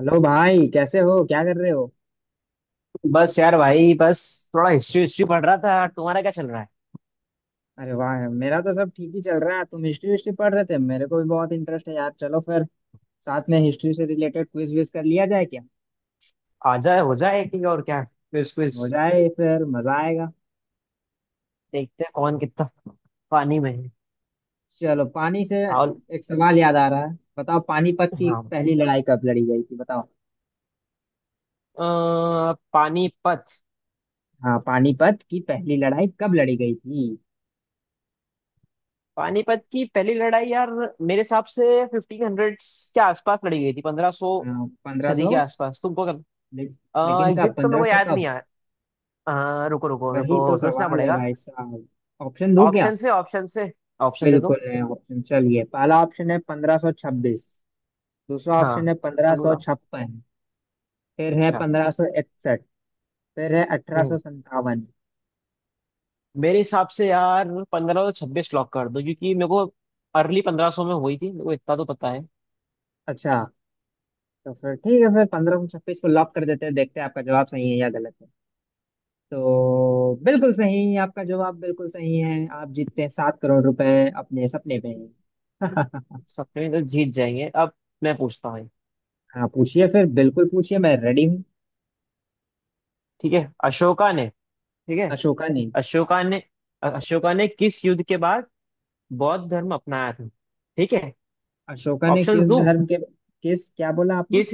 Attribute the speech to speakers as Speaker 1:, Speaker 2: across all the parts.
Speaker 1: Hello भाई, कैसे हो? क्या कर रहे हो?
Speaker 2: बस यार भाई बस। थोड़ा हिस्ट्री हिस्ट्री पढ़ रहा था। तुम्हारा क्या चल रहा है।
Speaker 1: अरे वाह, मेरा तो सब ठीक ही चल रहा है। तुम हिस्ट्री हिस्ट्री पढ़ रहे थे? मेरे को भी बहुत इंटरेस्ट है यार। चलो फिर साथ में हिस्ट्री से रिलेटेड क्विज विज कर लिया जाए क्या?
Speaker 2: आ जाए हो जाए ठीक। और क्या क्विज क्विज।
Speaker 1: हो जाए फिर, मजा आएगा।
Speaker 2: देखते हैं कौन कितना पानी में है।
Speaker 1: चलो पानी से
Speaker 2: और
Speaker 1: एक सवाल याद आ रहा है, बताओ, पानीपत की
Speaker 2: हाँ।
Speaker 1: पहली लड़ाई कब लड़ी गई थी? बताओ।
Speaker 2: पानीपत।
Speaker 1: हाँ, पानीपत की पहली लड़ाई कब लड़ी गई थी?
Speaker 2: पानीपत की पहली लड़ाई यार, मेरे हिसाब से 1500 के आसपास लड़ी गई थी। 1500
Speaker 1: पंद्रह
Speaker 2: सदी
Speaker 1: सौ?
Speaker 2: के आसपास तुमको। क्या
Speaker 1: लेकिन कब?
Speaker 2: एग्जैक्ट तो मेरे
Speaker 1: पंद्रह
Speaker 2: को
Speaker 1: सौ
Speaker 2: याद नहीं
Speaker 1: कब?
Speaker 2: आ। रुको रुको, मेरे
Speaker 1: वही तो
Speaker 2: को सोचना
Speaker 1: सवाल है
Speaker 2: पड़ेगा।
Speaker 1: भाई साहब। ऑप्शन दूं क्या?
Speaker 2: ऑप्शन से, ऑप्शन से, ऑप्शन दे दो।
Speaker 1: बिल्कुल है ऑप्शन। चलिए, पहला ऑप्शन है पंद्रह सौ छब्बीस। दूसरा ऑप्शन
Speaker 2: हाँ,
Speaker 1: है पंद्रह सौ
Speaker 2: अगला,
Speaker 1: छप्पन। फिर है
Speaker 2: अच्छा।
Speaker 1: पंद्रह सौ इकसठ। फिर है अठारह सौ
Speaker 2: हम्म।
Speaker 1: संतावन।
Speaker 2: मेरे हिसाब से यार, पंद्रह तो छब्बीस लॉक कर दो क्योंकि मेरे को अर्ली 1500 में हुई थी, मेरे को इतना तो पता है।
Speaker 1: अच्छा, तो फिर ठीक है, फिर पंद्रह सौ छब्बीस को लॉक कर देते हैं। देखते हैं आपका जवाब सही है या गलत है। तो बिल्कुल सही, आपका जवाब बिल्कुल सही है। आप जीतते हैं सात करोड़ रुपए अपने सपने पे।
Speaker 2: 17 तो जीत जाएंगे अब। मैं पूछता हूँ।
Speaker 1: हाँ पूछिए फिर, बिल्कुल पूछिए, मैं रेडी हूँ।
Speaker 2: ठीक है। ठीक है
Speaker 1: अशोका ने?
Speaker 2: अशोका ने अशोका ने किस युद्ध के बाद बौद्ध धर्म अपनाया था। ठीक है।
Speaker 1: अशोका ने
Speaker 2: ऑप्शन
Speaker 1: किस
Speaker 2: दो।
Speaker 1: धर्म के? किस? क्या बोला आपने?
Speaker 2: किस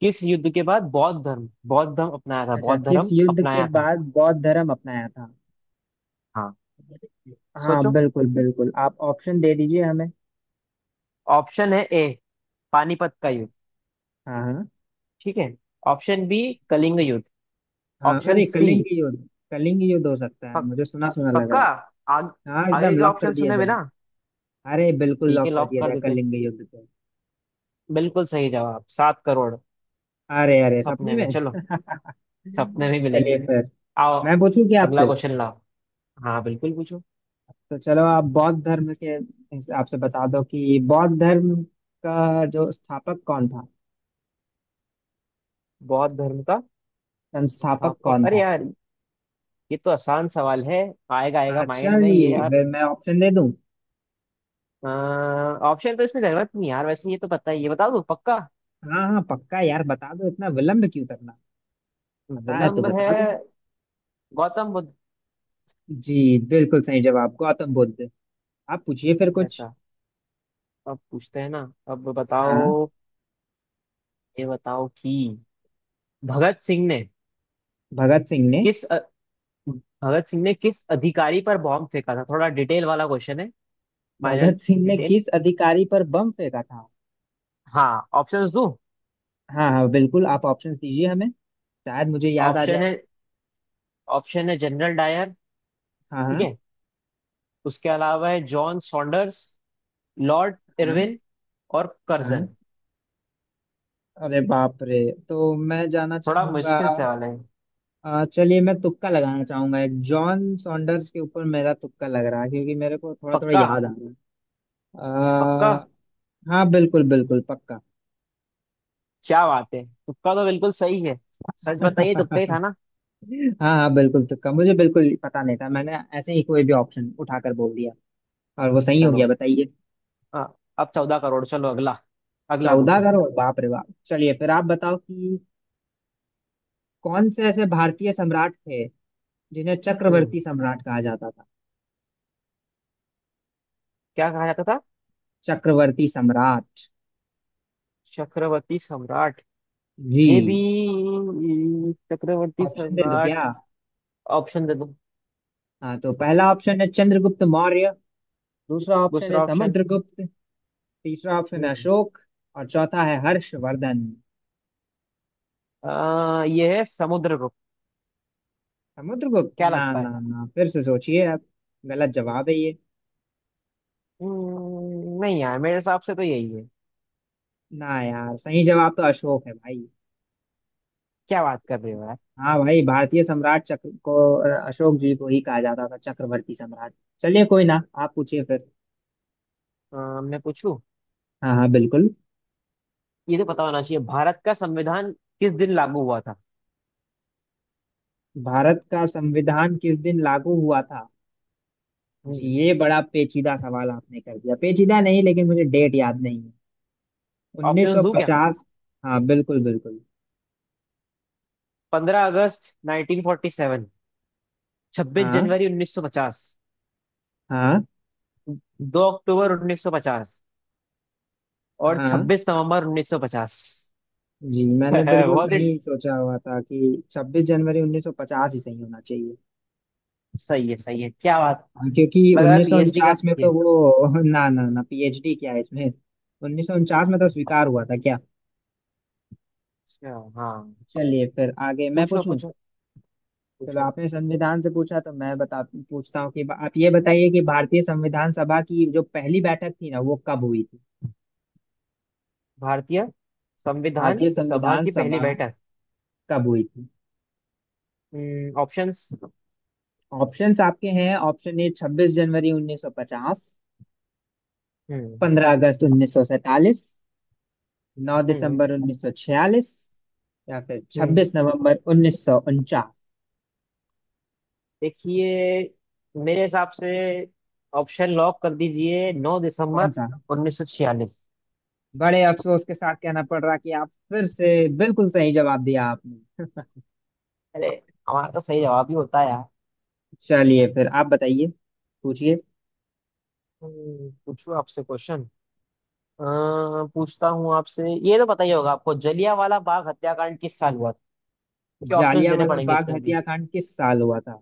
Speaker 2: किस युद्ध के बाद बौद्ध धर्म अपनाया था
Speaker 1: अच्छा,
Speaker 2: बौद्ध
Speaker 1: किस
Speaker 2: धर्म
Speaker 1: युद्ध के
Speaker 2: अपनाया था
Speaker 1: बाद बौद्ध धर्म अपनाया था?
Speaker 2: हाँ
Speaker 1: हाँ
Speaker 2: सोचो।
Speaker 1: बिल्कुल बिल्कुल, आप ऑप्शन दे दीजिए हमें।
Speaker 2: ऑप्शन है ए, पानीपत का युद्ध।
Speaker 1: हाँ हाँ।
Speaker 2: ठीक है। ऑप्शन बी, कलिंग युद्ध।
Speaker 1: हाँ
Speaker 2: ऑप्शन
Speaker 1: अरे,
Speaker 2: सी,
Speaker 1: कलिंग युद्ध। कलिंग युद्ध हो सकता है, मुझे सुना सुना लग
Speaker 2: पक्का।
Speaker 1: रहा
Speaker 2: आग,
Speaker 1: है। हाँ,
Speaker 2: आगे
Speaker 1: एकदम
Speaker 2: के
Speaker 1: लॉक कर
Speaker 2: ऑप्शन
Speaker 1: दिया
Speaker 2: सुने
Speaker 1: जाए।
Speaker 2: बिना।
Speaker 1: अरे बिल्कुल,
Speaker 2: ठीक है,
Speaker 1: लॉक कर
Speaker 2: लॉक
Speaker 1: दिया
Speaker 2: कर
Speaker 1: जाए
Speaker 2: देते।
Speaker 1: कलिंग युद्ध को।
Speaker 2: बिल्कुल सही जवाब, 7 करोड़।
Speaker 1: अरे अरे, सपने
Speaker 2: सपने में,
Speaker 1: में।
Speaker 2: चलो। सपने में
Speaker 1: चलिए
Speaker 2: मिलेंगे।
Speaker 1: फिर,
Speaker 2: आओ।
Speaker 1: मैं पूछूं क्या
Speaker 2: अगला
Speaker 1: आपसे?
Speaker 2: क्वेश्चन लाओ। हाँ बिल्कुल पूछो।
Speaker 1: तो चलो, आप बौद्ध धर्म के हिसाब से बता दो कि बौद्ध धर्म का जो स्थापक कौन था।
Speaker 2: बौद्ध धर्म का
Speaker 1: संस्थापक
Speaker 2: स्थापक,
Speaker 1: कौन
Speaker 2: अरे
Speaker 1: था?
Speaker 2: यार, ये तो आसान सवाल है। आएगा आएगा माइंड
Speaker 1: आचार्य
Speaker 2: में ये
Speaker 1: जी,
Speaker 2: यार।
Speaker 1: फिर मैं ऑप्शन दे दूं?
Speaker 2: ऑप्शन तो इसमें जरूरत नहीं यार, वैसे ये तो पता ही है, बता दो पक्का।
Speaker 1: हाँ हाँ, पक्का यार बता दो, इतना विलंब क्यों करना? पता है तो
Speaker 2: विलंब है।
Speaker 1: बता दो।
Speaker 2: गौतम बुद्ध।
Speaker 1: जी, बिल्कुल सही जवाब, गौतम बुद्ध। आप पूछिए फिर कुछ।
Speaker 2: ऐसा। अब पूछते हैं ना। अब
Speaker 1: हाँ,
Speaker 2: बताओ। ये बताओ कि भगत सिंह ने
Speaker 1: भगत सिंह ने।
Speaker 2: किस अ, भगत सिंह ने किस अधिकारी पर बॉम्ब फेंका था। थोड़ा डिटेल वाला क्वेश्चन है। माइनर
Speaker 1: भगत सिंह ने
Speaker 2: डिटेल।
Speaker 1: किस अधिकारी पर बम फेंका था?
Speaker 2: हाँ, ऑप्शंस दूं।
Speaker 1: हाँ हाँ बिल्कुल, आप ऑप्शंस दीजिए हमें, शायद मुझे याद आ
Speaker 2: ऑप्शन
Speaker 1: जाए।
Speaker 2: है ऑप्शन है जनरल डायर।
Speaker 1: हाँ।
Speaker 2: ठीक
Speaker 1: हाँ।
Speaker 2: है। उसके अलावा है जॉन सॉन्डर्स, लॉर्ड
Speaker 1: हाँ।
Speaker 2: इरविन और
Speaker 1: हाँ
Speaker 2: कर्जन।
Speaker 1: अरे बाप रे, तो मैं जाना
Speaker 2: थोड़ा
Speaker 1: चाहूंगा।
Speaker 2: मुश्किल सवाल है।
Speaker 1: चलिए, मैं तुक्का लगाना चाहूंगा, एक जॉन सॉन्डर्स के ऊपर मेरा तुक्का लग रहा है, क्योंकि मेरे को थोड़ा थोड़ा
Speaker 2: पक्का
Speaker 1: याद आ रहा है।
Speaker 2: पक्का।
Speaker 1: अ, हाँ बिल्कुल बिल्कुल पक्का।
Speaker 2: क्या बात है, तुक्का तो बिल्कुल सही है। सच बताइए, तुक्का ही था ना।
Speaker 1: हाँ हाँ बिल्कुल, तुक्का, मुझे बिल्कुल पता नहीं था, मैंने ऐसे ही कोई भी ऑप्शन उठाकर बोल दिया और वो सही हो गया,
Speaker 2: चलो,
Speaker 1: बताइए।
Speaker 2: हाँ, अब 14 करोड़, चलो अगला। अगला
Speaker 1: चौदह
Speaker 2: पूछो।
Speaker 1: करोड़, बाप रे बाप। चलिए फिर, आप बताओ कि कौन से ऐसे भारतीय सम्राट थे जिन्हें
Speaker 2: हम्म
Speaker 1: चक्रवर्ती सम्राट कहा जाता था।
Speaker 2: क्या कहा जाता था।
Speaker 1: चक्रवर्ती सम्राट।
Speaker 2: चक्रवर्ती सम्राट। ये भी
Speaker 1: जी।
Speaker 2: चक्रवर्ती
Speaker 1: ऑप्शन दे दूं क्या?
Speaker 2: सम्राट। ऑप्शन दे दो।
Speaker 1: हाँ, तो पहला ऑप्शन है चंद्रगुप्त मौर्य। दूसरा ऑप्शन है
Speaker 2: दूसरा ऑप्शन।
Speaker 1: समुद्रगुप्त। तीसरा ऑप्शन है
Speaker 2: हम्म,
Speaker 1: अशोक। और चौथा है हर्षवर्धन।
Speaker 2: ये है समुद्रगुप्त।
Speaker 1: समुद्रगुप्त?
Speaker 2: क्या
Speaker 1: ना
Speaker 2: लगता
Speaker 1: ना
Speaker 2: है।
Speaker 1: ना, फिर से सोचिए आप, गलत जवाब है ये।
Speaker 2: नहीं यार, मेरे हिसाब से तो यही है।
Speaker 1: ना यार, सही जवाब तो अशोक है भाई।
Speaker 2: क्या बात कर रहे हो यार।
Speaker 1: हाँ भाई, भारतीय सम्राट चक्र को अशोक जी को ही कहा जाता था चक्रवर्ती सम्राट। चलिए कोई ना, आप पूछिए फिर।
Speaker 2: मैं पूछूं।
Speaker 1: हाँ हाँ बिल्कुल।
Speaker 2: ये तो पता होना चाहिए, भारत का संविधान किस दिन लागू हुआ था।
Speaker 1: भारत का संविधान किस दिन लागू हुआ था? जी,
Speaker 2: हम्म।
Speaker 1: ये बड़ा पेचीदा सवाल आपने कर दिया। पेचीदा नहीं, लेकिन मुझे डेट याद नहीं है।
Speaker 2: ऑप्शंस दूं क्या।
Speaker 1: 1950। हाँ बिल्कुल बिल्कुल।
Speaker 2: 15 अगस्त 1947, छब्बीस
Speaker 1: हाँ।
Speaker 2: जनवरी 1950,
Speaker 1: हाँ।
Speaker 2: 2 अक्टूबर 1950 और
Speaker 1: हाँ।
Speaker 2: 26 नवंबर 1950।
Speaker 1: जी, मैंने बिल्कुल
Speaker 2: बहुत ही
Speaker 1: सही सोचा हुआ था कि 26 जनवरी 1950 ही सही होना चाहिए।
Speaker 2: सही है, सही है, क्या बात।
Speaker 1: हाँ, क्योंकि
Speaker 2: लग रहा है
Speaker 1: उन्नीस सौ
Speaker 2: पीएचडी का
Speaker 1: उनचास में तो
Speaker 2: ये,
Speaker 1: वो ना ना ना, पीएचडी क्या है इसमें? उन्नीस सौ उनचास में तो स्वीकार हुआ था क्या?
Speaker 2: अच्छा। हाँ,
Speaker 1: चलिए फिर, आगे मैं
Speaker 2: पूछो,
Speaker 1: पूछूं।
Speaker 2: पूछो,
Speaker 1: चलो,
Speaker 2: पूछो।
Speaker 1: आपने संविधान से पूछा तो मैं बता पूछता हूँ कि आप ये बताइए कि भारतीय संविधान सभा की जो पहली बैठक थी ना, वो कब हुई थी?
Speaker 2: भारतीय संविधान
Speaker 1: भारतीय
Speaker 2: सभा
Speaker 1: संविधान
Speaker 2: की पहली
Speaker 1: सभा
Speaker 2: बैठक।
Speaker 1: कब हुई थी?
Speaker 2: ऑप्शंस।
Speaker 1: ऑप्शंस आपके हैं। ऑप्शन ए, छब्बीस जनवरी उन्नीस सौ पचास।
Speaker 2: हम्म।
Speaker 1: पंद्रह अगस्त उन्नीस सौ सैतालीस। नौ
Speaker 2: हम्म।
Speaker 1: दिसंबर उन्नीस सौ छियालीस। या फिर
Speaker 2: हम्म।
Speaker 1: छब्बीस नवंबर उन्नीस सौ उनचास।
Speaker 2: देखिए, मेरे हिसाब से ऑप्शन लॉक कर दीजिए नौ
Speaker 1: कौन
Speaker 2: दिसंबर
Speaker 1: सा?
Speaker 2: उन्नीस सौ छियालीस
Speaker 1: बड़े अफसोस के साथ कहना पड़ रहा कि आप फिर से बिल्कुल सही जवाब दिया आपने।
Speaker 2: अरे, हमारा तो सही जवाब ही होता है यार।
Speaker 1: चलिए फिर, आप बताइए, पूछिए।
Speaker 2: पूछूं आपसे क्वेश्चन। अ, पूछता हूँ आपसे, ये तो पता ही होगा आपको, जलियांवाला बाग हत्याकांड किस साल हुआ था। क्या ऑप्शंस देने
Speaker 1: जालियांवाला
Speaker 2: पड़ेंगे
Speaker 1: बाग
Speaker 2: इसमें भी।
Speaker 1: हत्याकांड किस साल हुआ था?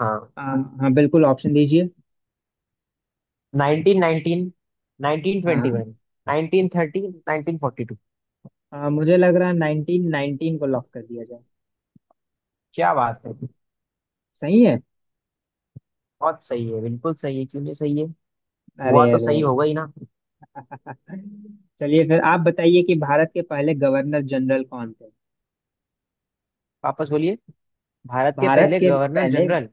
Speaker 2: हाँ,
Speaker 1: आ, हाँ बिल्कुल, ऑप्शन दीजिए।
Speaker 2: 1919, नाइनटीन
Speaker 1: हाँ।
Speaker 2: Twenty one 1930, 1942।
Speaker 1: मुझे लग रहा है नाइनटीन नाइनटीन को लॉक कर दिया जाए।
Speaker 2: क्या बात है,
Speaker 1: सही है।
Speaker 2: बहुत सही है, बिल्कुल सही है। क्यों नहीं सही है।
Speaker 1: अरे
Speaker 2: हुआ तो
Speaker 1: अरे
Speaker 2: सही होगा ही ना।
Speaker 1: अरे। चलिए फिर, आप बताइए कि भारत के पहले गवर्नर जनरल कौन थे।
Speaker 2: वापस बोलिए। भारत के
Speaker 1: भारत
Speaker 2: पहले
Speaker 1: के
Speaker 2: गवर्नर
Speaker 1: पहले।
Speaker 2: जनरल,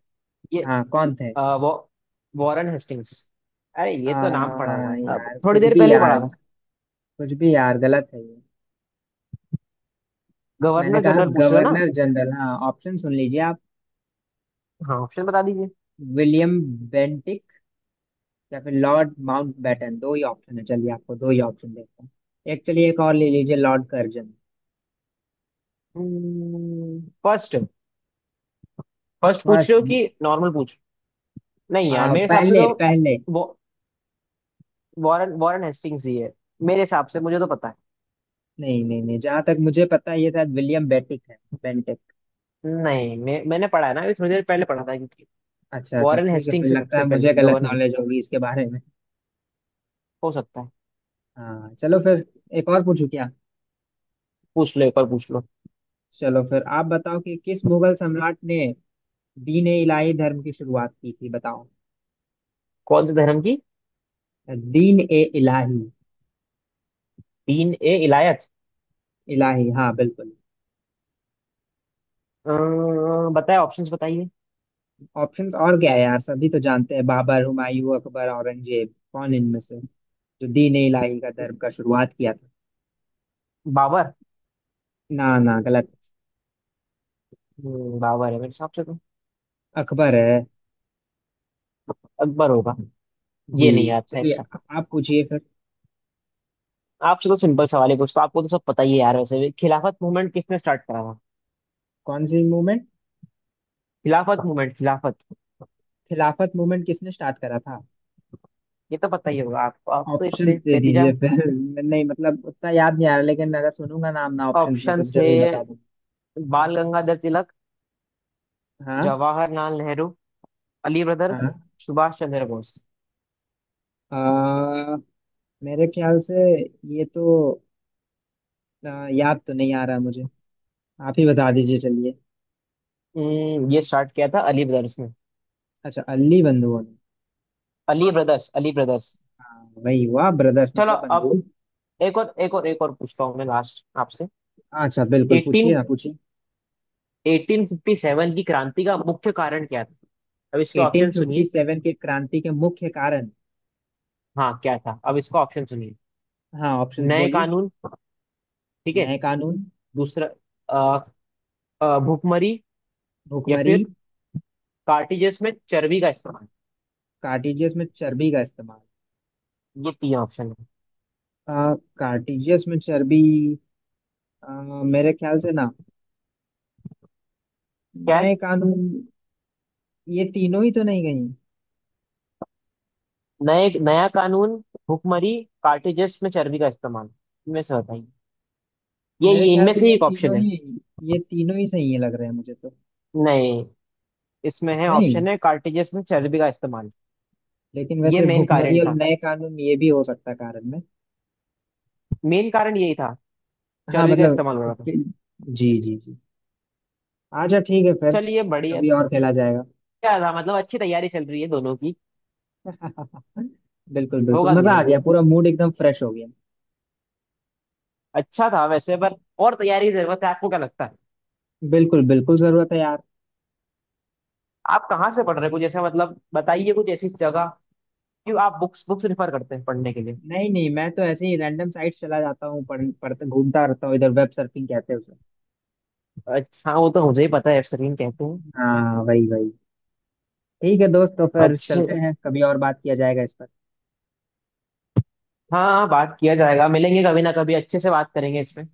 Speaker 2: ये
Speaker 1: हाँ, कौन थे?
Speaker 2: वो वॉरेन हेस्टिंग्स। अरे,
Speaker 1: आ,
Speaker 2: ये तो नाम पड़ा हुआ है, अब
Speaker 1: यार
Speaker 2: थोड़ी
Speaker 1: कुछ
Speaker 2: देर
Speaker 1: भी
Speaker 2: पहले ही
Speaker 1: यार,
Speaker 2: पढ़ा था।
Speaker 1: कुछ भी यार गलत है। मैंने
Speaker 2: गवर्नर
Speaker 1: कहा
Speaker 2: जनरल पूछ रहे हो ना।
Speaker 1: गवर्नर जनरल, हाँ, ऑप्शन सुन लीजिए आप।
Speaker 2: हाँ, ऑप्शन बता दीजिए।
Speaker 1: विलियम बेंटिक, या फिर लॉर्ड माउंटबेटन। दो ही ऑप्शन है, चलिए आपको दो ही ऑप्शन देता हूँ। एक, चलिए एक और ले लीजिए, लॉर्ड कर्जन।
Speaker 2: फर्स्ट, फर्स्ट पूछ
Speaker 1: फर्स्ट।
Speaker 2: रहे हो कि नॉर्मल पूछ। नहीं यार, मेरे हिसाब से
Speaker 1: पहले,
Speaker 2: तो
Speaker 1: पहले।
Speaker 2: वो वॉरेन वॉरेन हेस्टिंग्स ही है। मेरे हिसाब से, मुझे तो पता है।
Speaker 1: नहीं नहीं नहीं, जहां तक मुझे पता है ये शायद विलियम बेंटिक है। बेंटिक।
Speaker 2: नहीं, मैंने पढ़ा है ना, अभी थोड़ी देर पहले पढ़ा था क्योंकि
Speaker 1: अच्छा अच्छा,
Speaker 2: वॉरेन
Speaker 1: ठीक है फिर,
Speaker 2: हेस्टिंग्स से
Speaker 1: लगता
Speaker 2: सबसे
Speaker 1: है
Speaker 2: पहले
Speaker 1: मुझे गलत
Speaker 2: गवर्नर जनरल।
Speaker 1: नॉलेज होगी इसके बारे में।
Speaker 2: हो सकता है।
Speaker 1: हाँ चलो फिर, एक और पूछू क्या?
Speaker 2: पूछ लो, एक बार पूछ लो।
Speaker 1: चलो फिर आप बताओ कि किस मुगल सम्राट ने दीन ए इलाही धर्म की शुरुआत की थी, बताओ।
Speaker 2: कौन से धर्म की।
Speaker 1: दीन ए इलाही।
Speaker 2: तीन ए इलायत।
Speaker 1: इलाही, हाँ बिल्कुल।
Speaker 2: बताए, ऑप्शंस बताइए।
Speaker 1: ऑप्शंस और क्या है यार, सभी तो जानते हैं, बाबर, हुमायूं, अकबर, औरंगजेब, कौन इनमें से जो दीन इलाही का धर्म का शुरुआत किया था?
Speaker 2: बाबर।
Speaker 1: ना ना, गलत।
Speaker 2: बाबर है मेरे हिसाब से तो।
Speaker 1: अकबर है।
Speaker 2: अकबर होगा।
Speaker 1: जी।
Speaker 2: ये नहीं याद था
Speaker 1: चलिए
Speaker 2: इतना।
Speaker 1: आप पूछिए फिर।
Speaker 2: आपसे तो सिंपल सवाल है, कुछ तो आपको तो सब पता ही है यार, वैसे भी खिलाफत मूवमेंट किसने स्टार्ट करा था।
Speaker 1: कौन सी movement?
Speaker 2: Khilafat movement, Khilafat.
Speaker 1: Khilafat movement किसने स्टार्ट करा था?
Speaker 2: ये तो पता ही होगा आपको, आप तो
Speaker 1: ऑप्शंस
Speaker 2: इतने
Speaker 1: दे
Speaker 2: बेतीजा
Speaker 1: दीजिए
Speaker 2: है।
Speaker 1: फिर। नहीं मतलब, उतना याद नहीं आ रहा, लेकिन अगर सुनूंगा नाम ना ऑप्शंस में, तो
Speaker 2: ऑप्शंस है
Speaker 1: जरूर बता दूँ।
Speaker 2: बाल गंगाधर तिलक,
Speaker 1: हाँ।
Speaker 2: जवाहरलाल नेहरू, अली ब्रदर्स,
Speaker 1: हाँ।
Speaker 2: सुभाष चंद्र बोस।
Speaker 1: आ, मेरे ख्याल से ये तो याद तो नहीं आ रहा मुझे। आप ही बता दीजिए चलिए।
Speaker 2: ये स्टार्ट किया था अली ब्रदर्स ने।
Speaker 1: अच्छा, अल्ली बंधुओं ने।
Speaker 2: Ali brothers, Ali brothers.
Speaker 1: हाँ, वही हुआ, ब्रदर्स
Speaker 2: चलो,
Speaker 1: मतलब
Speaker 2: अब
Speaker 1: बंधु।
Speaker 2: एक और, एक और, एक और पूछता हूँ मैं, लास्ट आपसे।
Speaker 1: अच्छा बिल्कुल, पूछिए,
Speaker 2: 18
Speaker 1: आप पूछिए।
Speaker 2: 1857 की क्रांति का मुख्य कारण क्या था। अब इसके ऑप्शन सुनिए।
Speaker 1: 1857 की क्रांति के मुख्य कारण?
Speaker 2: हाँ, क्या था, अब इसका ऑप्शन सुनिए।
Speaker 1: हाँ, ऑप्शंस
Speaker 2: नए
Speaker 1: बोलिए।
Speaker 2: कानून, ठीक है।
Speaker 1: नए कानून।
Speaker 2: दूसरा, अ, भुखमरी। या
Speaker 1: भुखमरी।
Speaker 2: फिर कार्टिजेस में चर्बी का इस्तेमाल।
Speaker 1: कार्टिजियस में चर्बी का इस्तेमाल।
Speaker 2: ये तीन ऑप्शन है।
Speaker 1: आ, कार्टिजियस में चर्बी। मेरे ख्याल से ना,
Speaker 2: क्या है।
Speaker 1: नए कानून, ये तीनों ही तो नहीं गई।
Speaker 2: नए नया कानून, भुखमरी, कार्टिजेस में चर्बी का इस्तेमाल, इनमें से बताइए। ये
Speaker 1: मेरे
Speaker 2: ये
Speaker 1: ख्याल
Speaker 2: इनमें
Speaker 1: से
Speaker 2: से ही
Speaker 1: ये
Speaker 2: एक
Speaker 1: तीनों
Speaker 2: ऑप्शन है।
Speaker 1: ही ये तीनों ही सही है लग रहे हैं मुझे तो।
Speaker 2: नहीं, इसमें है
Speaker 1: नहीं,
Speaker 2: ऑप्शन है कार्टिजेस में चर्बी का इस्तेमाल।
Speaker 1: लेकिन
Speaker 2: ये
Speaker 1: वैसे
Speaker 2: मेन
Speaker 1: भुखमरी
Speaker 2: कारण
Speaker 1: और
Speaker 2: था,
Speaker 1: नए कानून, ये भी हो सकता है कारण।
Speaker 2: मेन कारण यही था,
Speaker 1: हाँ
Speaker 2: चर्बी का
Speaker 1: मतलब
Speaker 2: इस्तेमाल हो रहा था।
Speaker 1: जी, जी जी। अच्छा ठीक है फिर,
Speaker 2: चलिए, बढ़िया।
Speaker 1: अभी और खेला जाएगा।
Speaker 2: क्या था मतलब, अच्छी तैयारी चल रही है दोनों की।
Speaker 1: बिल्कुल बिल्कुल,
Speaker 2: होगा
Speaker 1: मजा
Speaker 2: धीरे
Speaker 1: आ गया,
Speaker 2: धीरे।
Speaker 1: पूरा मूड एकदम फ्रेश हो गया।
Speaker 2: अच्छा था वैसे, पर और तैयारी की जरूरत है, आपको क्या लगता है।
Speaker 1: बिल्कुल बिल्कुल जरूरत है यार।
Speaker 2: आप कहाँ से पढ़ रहे हैं, कुछ ऐसा मतलब बताइए, कुछ ऐसी जगह, क्यों, आप बुक्स बुक्स रिफर करते हैं पढ़ने के लिए।
Speaker 1: नहीं नहीं, मैं तो ऐसे ही रैंडम साइट चला जाता हूँ, पढ़ पढ़ता घूमता रहता हूँ इधर, वेब सर्फिंग कहते हैं उसे।
Speaker 2: अच्छा, वो तो मुझे ही पता है, एफसरीन कहते हैं।
Speaker 1: हाँ वही वही। ठीक है दोस्त, तो फिर
Speaker 2: अच्छे।
Speaker 1: चलते हैं, कभी और बात किया जाएगा इस पर।
Speaker 2: हाँ हाँ, बात किया जाएगा, मिलेंगे कभी ना कभी, अच्छे से बात करेंगे इसमें।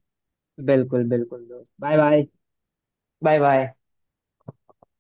Speaker 1: बिल्कुल बिल्कुल दोस्त, बाय बाय।
Speaker 2: Bye bye.